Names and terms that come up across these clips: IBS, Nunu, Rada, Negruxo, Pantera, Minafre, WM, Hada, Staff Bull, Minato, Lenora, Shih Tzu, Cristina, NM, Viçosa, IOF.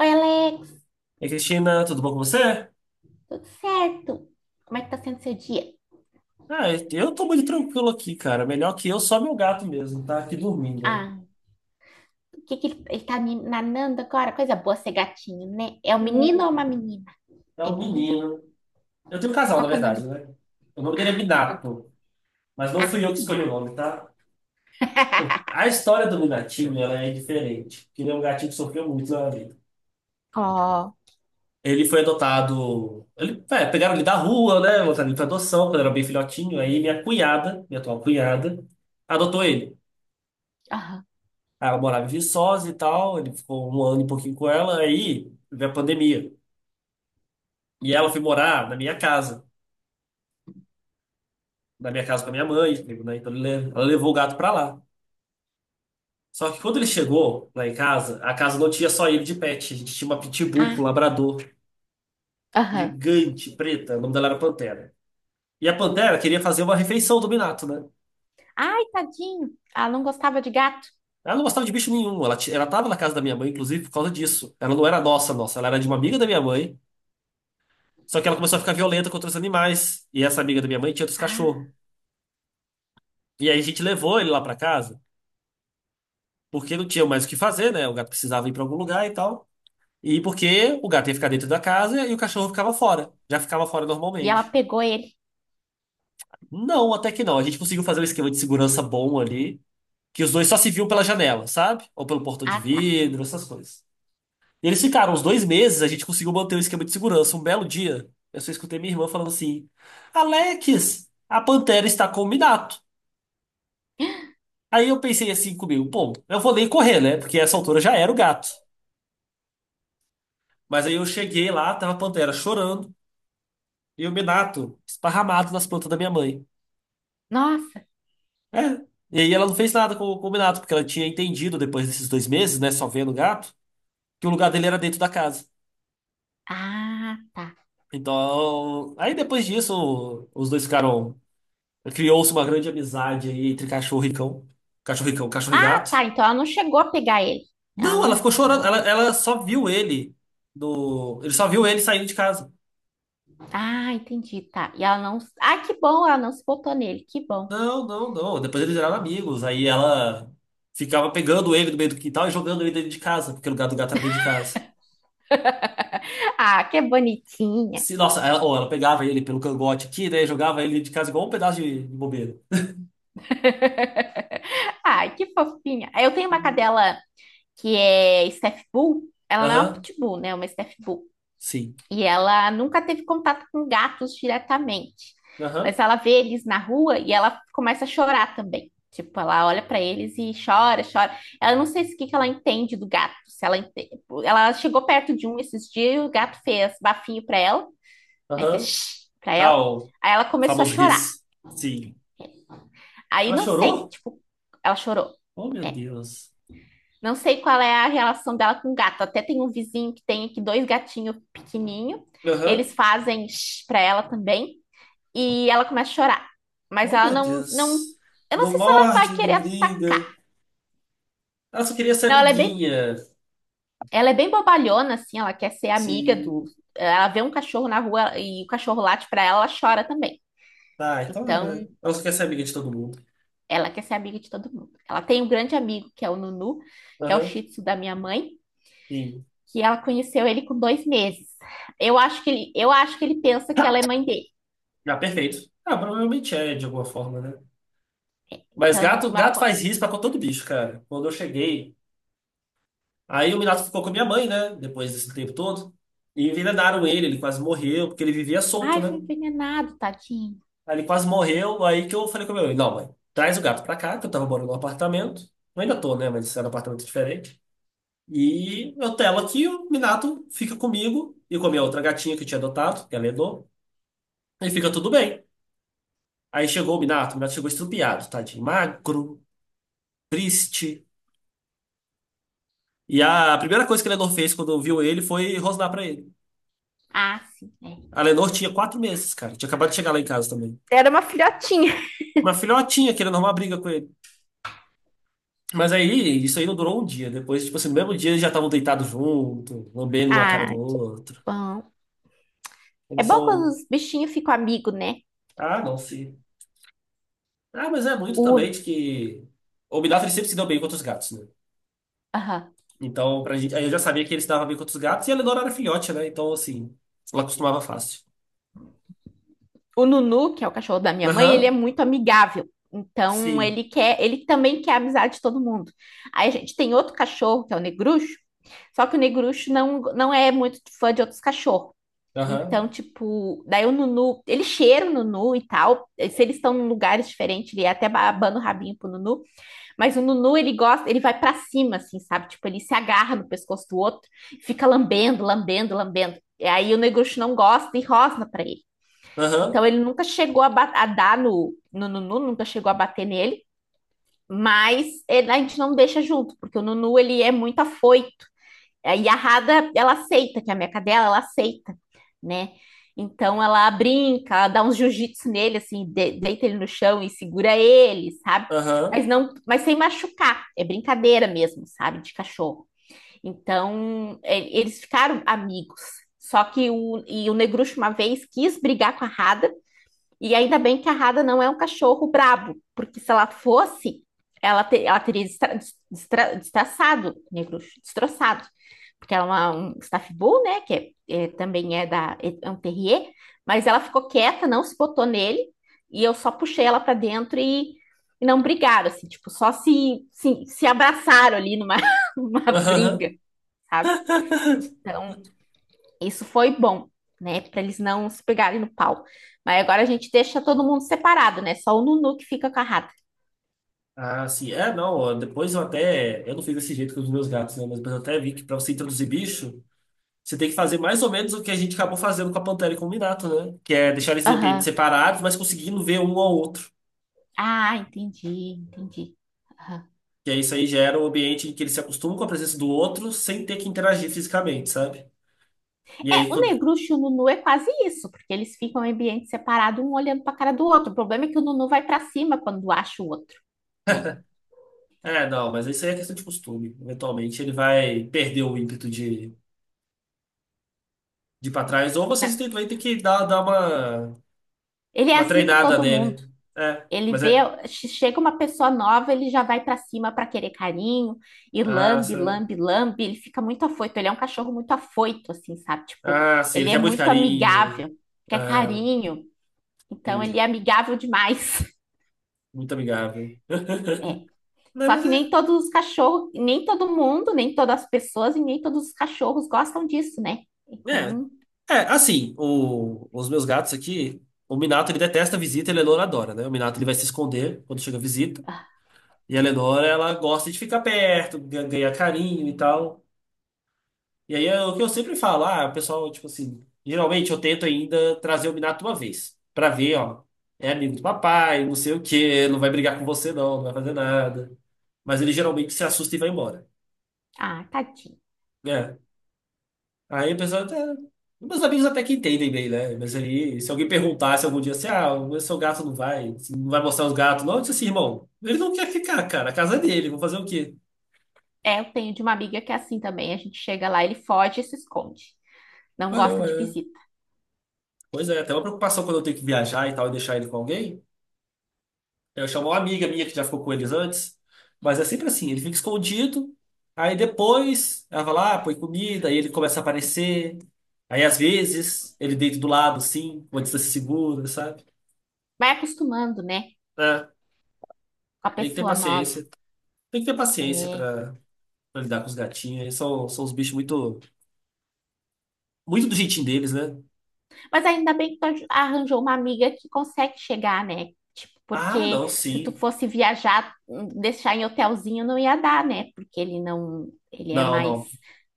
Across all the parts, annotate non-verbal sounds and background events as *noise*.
Oi, Alex, E Cristina, tudo bom com você? tudo certo? Como é que tá sendo seu dia? Ah, eu tô muito tranquilo aqui, cara. Melhor que eu, só meu gato mesmo, tá aqui dormindo. Ah, o que que ele tá me nanando agora? Coisa boa ser gatinho, né? É um menino ou uma menina? É É um menino? menino. Eu tenho um casal, Qual na que é o nome verdade, dele? né? O nome dele é Ah, tá. Minato, mas não Ah, fui eu que escolhi o menina. nome, tá? Bom, *laughs* a história do Minatinho, ela é diferente, porque ele é um gatinho que sofreu muito na vida. Ó, Ele foi adotado. Ele, é, pegaram ele da rua, né? Botaram ele pra adoção, quando era bem filhotinho. Aí minha cunhada, minha atual cunhada, adotou ele. aham. Aí ela morava em Viçosa e tal, ele ficou um ano e pouquinho com ela, aí veio a pandemia. E ela foi morar na minha casa com a minha mãe, tipo, né? Então ela levou o gato pra lá. Só que quando ele chegou lá em casa, a casa não tinha só ele de pet, a gente tinha uma pitbull com Ah, um labrador aham. gigante, preta, o nome dela era Pantera. E a Pantera queria fazer uma refeição do Minato, né? Ai, tadinho. Ela não gostava de gato. Ela não gostava de bicho nenhum, ela, ela tava na casa da minha mãe, inclusive, por causa disso. Ela não era nossa, ela era de uma amiga da minha mãe, só que ela começou a ficar violenta contra os animais, e essa amiga da minha mãe tinha outros Ah, cachorros. E aí a gente levou ele lá pra casa, porque não tinha mais o que fazer, né? O gato precisava ir pra algum lugar e tal. E porque o gato ia ficar dentro da casa e o cachorro ficava fora. Já ficava fora e ela normalmente. pegou ele. Não, até que não. A gente conseguiu fazer um esquema de segurança bom ali, que os dois só se viam pela janela, sabe? Ou pelo portão de Ah, tá. vidro, essas coisas. E eles ficaram uns dois meses, a gente conseguiu manter o esquema de segurança. Um belo dia, eu só escutei minha irmã falando assim: Alex, a Pantera está com o Minato. *gasps* Aí eu pensei assim comigo: bom, eu vou nem correr, né? Porque essa altura já era o gato. Mas aí eu cheguei lá, tava a Pantera chorando e o Minato esparramado nas plantas da minha mãe. Nossa. É. E aí ela não fez nada com o Minato, porque ela tinha entendido depois desses dois meses, né, só vendo o gato, que o lugar dele era dentro da casa. Ah, tá. Então, aí depois disso, os dois ficaram. Criou-se uma grande amizade aí entre cachorro e cão. Cachorro e cão, cachorro e Ah, gato. tá. Então ela não chegou a pegar ele. Ela Não, ela não, ficou chorando. Ela, não. ela só viu ele no. Ele só viu ele saindo de casa. Ah, entendi, tá. E ela não. Ah, que bom, ela não se botou nele, que bom. Não, não, não. Depois eles viraram amigos. Aí ela ficava pegando ele do meio do quintal e jogando ele dentro de casa, porque o lugar do gato era dentro de casa. *laughs* Ah, que bonitinha. Se, nossa, ela, ou ela pegava ele pelo cangote aqui, né? Jogava ele dentro de casa igual um pedaço de bobeira. *laughs* Ai, que fofinha. Eu tenho uma cadela que é Staff Bull. Ela não é uma Aham, Pitbull, né? É uma Staff Bull. sim. E ela nunca teve contato com gatos diretamente. Aham, Mas ela vê eles na rua e ela começa a chorar também. Tipo, ela olha pra eles e chora, chora. Ela não sei se o que que ela entende do gato. Se ela, ente- Ela chegou perto de um esses dias e o gato fez bafinho pra ela, né? aham. Fez pra Ah, ela. o Aí ela começou a famoso chorar. Riz. Sim. Aí Ela não sei, chorou? tipo, ela chorou. Oh, meu É. Deus. Não sei qual é a relação dela com o gato. Até tem um vizinho que tem aqui dois gatinhos pequenininho. Aham. Eles fazem shh pra ela também. E ela começa a chorar. Mas Oh, ela meu não, não. Deus. Eu não Não sei se ela vai morde, não querer briga. atacar. Ela só queria ser Não, amiguinha. ela é bem bobalhona, assim. Ela quer ser amiga do. Sim. Ela vê um cachorro na rua e o cachorro late pra ela, ela chora também. Tá, então Então, ela só quer ser amiga de todo mundo. ela quer ser amiga de todo mundo. Ela tem um grande amigo, que é o Nunu, que é o Aham. Shih Tzu da minha mãe, Sim. que ela conheceu ele com dois meses. Eu acho que ele pensa que ela é mãe dele. Ah, perfeito. Ah, provavelmente é, de alguma forma, né? Mas Então, gato, como ela. gato faz risco pra todo bicho, cara. Quando eu cheguei, aí o Minato ficou com a minha mãe, né? Depois desse tempo todo. E envenenaram ele, ele quase morreu, porque ele vivia solto, Ai, né? foi envenenado, tadinho. Aí ele quase morreu, aí que eu falei com a minha mãe, não, mãe, traz o gato pra cá, que eu tava morando num apartamento. Eu ainda tô, né? Mas isso era um apartamento diferente. E eu telo aqui, o Minato fica comigo e com a minha outra gatinha que eu tinha adotado, que ela herdou, e fica tudo bem. Aí chegou o Minato chegou estrupiado, tadinho, magro, triste. E a primeira coisa que a Lenor fez quando viu ele foi rosnar pra ele. Ah, sim, é. A Lenor tinha quatro meses, cara. Tinha acabado de chegar lá em casa também. Era uma filhotinha. Uma filhotinha querendo arrumar briga com ele. Mas aí, isso aí não durou um dia. Depois, tipo assim, no mesmo dia eles já estavam deitados junto, lambendo uma cara Ah, do que outro. bom. É Eles bom quando são. os bichinhos ficam amigos, né? Ah, não, sim. Ah, mas é muito O, também de que. O Minafre sempre se deu bem contra os gatos, né? aham. Então, pra gente. Aí eu já sabia que ele se dava bem contra os gatos e a Lenor era filhote, né? Então, assim, ela acostumava fácil. O Nunu, que é o cachorro da minha mãe, ele é Aham, muito amigável. Então, sim. Ele também quer a amizade de todo mundo. Aí a gente tem outro cachorro, que é o Negruxo. Só que o Negruxo não é muito fã de outros cachorros. Aham, Então, tipo, daí o Nunu, ele cheira o Nunu e tal. Se eles estão em lugares diferentes, ele é até abana o rabinho pro Nunu. Mas o Nunu, ele gosta, ele vai para cima, assim, sabe? Tipo, ele se agarra no pescoço do outro, fica lambendo, lambendo, lambendo. E aí o Negruxo não gosta e rosna para ele. aham, Então, ele nunca chegou a dar no Nunu, nunca chegou a bater nele. Mas a gente não deixa junto, porque o Nunu, ele é muito afoito. E a Hada, ela aceita, que é a minha cadela, ela aceita, né? Então ela brinca, ela dá uns jiu-jitsu nele, assim, deita ele no chão e segura ele, sabe? aham. Mas sem machucar, é brincadeira mesmo, sabe? De cachorro. Então eles ficaram amigos. Só que o Negruxo uma vez quis brigar com a Hada, e ainda bem que a Rada não é um cachorro brabo, porque se ela fosse, ela teria destroçado. Porque ela é um staff bull, né? Que é- é- também é da é é um terrier, mas ela ficou quieta, não se botou nele, e eu só puxei ela para dentro e não brigaram, assim, tipo, só se abraçaram ali numa, *laughs* numa briga, Aham. sabe? *laughs* Então, isso foi bom, né? Para eles não se pegarem no pau. Mas agora a gente deixa todo mundo separado, né? Só o Nunu que fica com a rata. Ah, sim. É, não. Ó, depois eu até. Eu não fiz desse jeito com os meus gatos, né? Mas depois eu até vi que pra você introduzir bicho, você tem que fazer mais ou menos o que a gente acabou fazendo com a Pantera e com o Minato, né? Que é deixar eles em ambientes Aham. separados, mas conseguindo ver um ao outro. Ah, entendi, entendi. Aham. Que aí isso aí gera um ambiente em que eles se acostumam com a presença do outro sem ter que interagir fisicamente, sabe? E aí É, o quando. Negruxo e o Nunu é quase isso, porque eles ficam em ambiente separado, um olhando para a cara do outro. O problema é que o Nunu vai para cima quando acha o outro, né? É, não, mas isso aí é questão de costume. Eventualmente ele vai perder o ímpeto de ir pra trás, ou Não, vocês têm- vai ter que dar uma. ele é Uma assim com treinada todo nele. mundo. É, Ele mas vê, é. chega uma pessoa nova, ele já vai pra cima pra querer carinho e Ah, lambe, sa- lambe, lambe. Ele fica muito afoito. Ele é um cachorro muito afoito, assim, sabe? Tipo, ah, sim, ele ele é quer muito muito carinho. amigável, quer Ah, carinho. Então, ele é entendi. amigável demais. *laughs* Muito amigável. É. *laughs* Não, Só mas que nem é. todos os cachorros, nem todo mundo, nem todas as pessoas e nem todos os cachorros gostam disso, né? É, Então, é assim, o- os meus gatos aqui. O Minato ele detesta a visita, e a Lenora adora, né? O Minato ele vai se esconder quando chega a visita. ah, E a Lenora ela gosta de ficar perto, ganhar carinho e tal. E aí é o que eu sempre falo, ah, o pessoal, tipo assim, geralmente eu tento ainda trazer o Minato uma vez, pra ver, ó, é amigo do papai, não sei o quê, não vai brigar com você não, não vai fazer nada. Mas ele geralmente se assusta e vai embora, ah, tadinho. né? Aí o pessoal até... Meus amigos até que entendem bem, né? Mas aí, se alguém perguntasse algum dia assim, ah, o seu gato não vai, você não vai mostrar os gatos, não, eu disse assim, irmão, ele não quer ficar, cara, a casa é dele, vou fazer o quê? É, eu tenho de uma amiga que é assim também. A gente chega lá, ele foge e se esconde. Não Ué, gosta ué. de visita. Pois é, até uma preocupação quando eu tenho que viajar e tal e deixar ele com alguém. Eu chamo uma amiga minha que já ficou com eles antes, mas é sempre assim, ele fica escondido, aí depois ela vai lá, põe comida, aí ele começa a aparecer. Aí às vezes ele deita do lado, assim, uma distância segura, sabe? Vai acostumando, né? É, Com a tem que ter pessoa nova. paciência. Tem que ter paciência É. Pra lidar com os gatinhos. Eles são, são os bichos muito, muito do jeitinho deles, né? Mas ainda bem que tu arranjou uma amiga que consegue chegar, né? Tipo, Ah, não, porque se tu sim. fosse viajar, deixar em hotelzinho não ia dar, né? Porque ele não, ele é Não, mais não.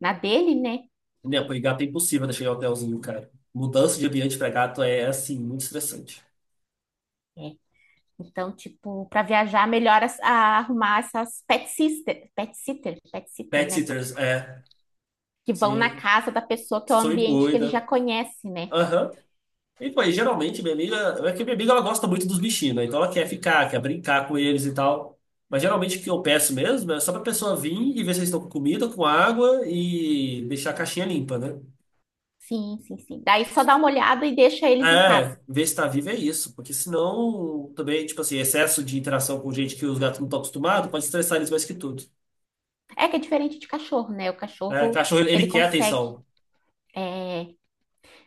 na dele, né? Minha mãe, gato é impossível deixar em hotelzinho, cara. Mudança de ambiente pra gato é, assim, muito estressante. É. Então, tipo, para viajar, melhor arrumar essas pet sitter, Pet né? sitters, é. Que vão na Sim. casa da pessoa, que é o Só me ambiente que ele já cuida. conhece, né? Aham. E, pô, e geralmente minha amiga. É que minha amiga ela gosta muito dos bichinhos, né? Então ela quer ficar, quer brincar com eles e tal. Mas geralmente o que eu peço mesmo é só pra pessoa vir e ver se eles estão com comida, com água e deixar a caixinha limpa, né? Sim, sim, sim. Daí só dá uma olhada e deixa eles em casa. É, ver se tá vivo é isso. Porque senão também, tipo assim, excesso de interação com gente que os gatos não estão acostumados pode estressar eles mais que tudo. É que é diferente de cachorro, né? O É, cachorro, cachorro, ele ele ele quer consegue, atenção. é,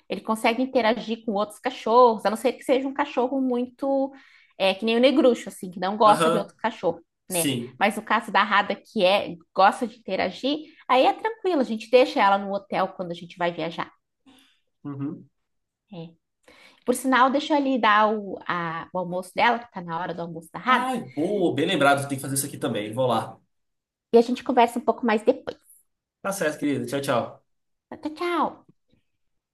ele consegue interagir com outros cachorros, a não ser que seja um cachorro muito, é, que nem o negruxo, assim, que não gosta de Aham, outro cachorro, né? sim. Mas no caso da Rada, que é, gosta de interagir, aí é tranquilo, a gente deixa ela no hotel quando a gente vai viajar. Uhum. É. Por sinal, deixa eu ali dar o almoço dela, que tá na hora do almoço da Rada, Ai, boa, bem lembrado, tem que fazer isso aqui também. Vou lá. e a gente conversa um pouco mais depois. Tá certo, querida. Tchau, tchau. Até tchau!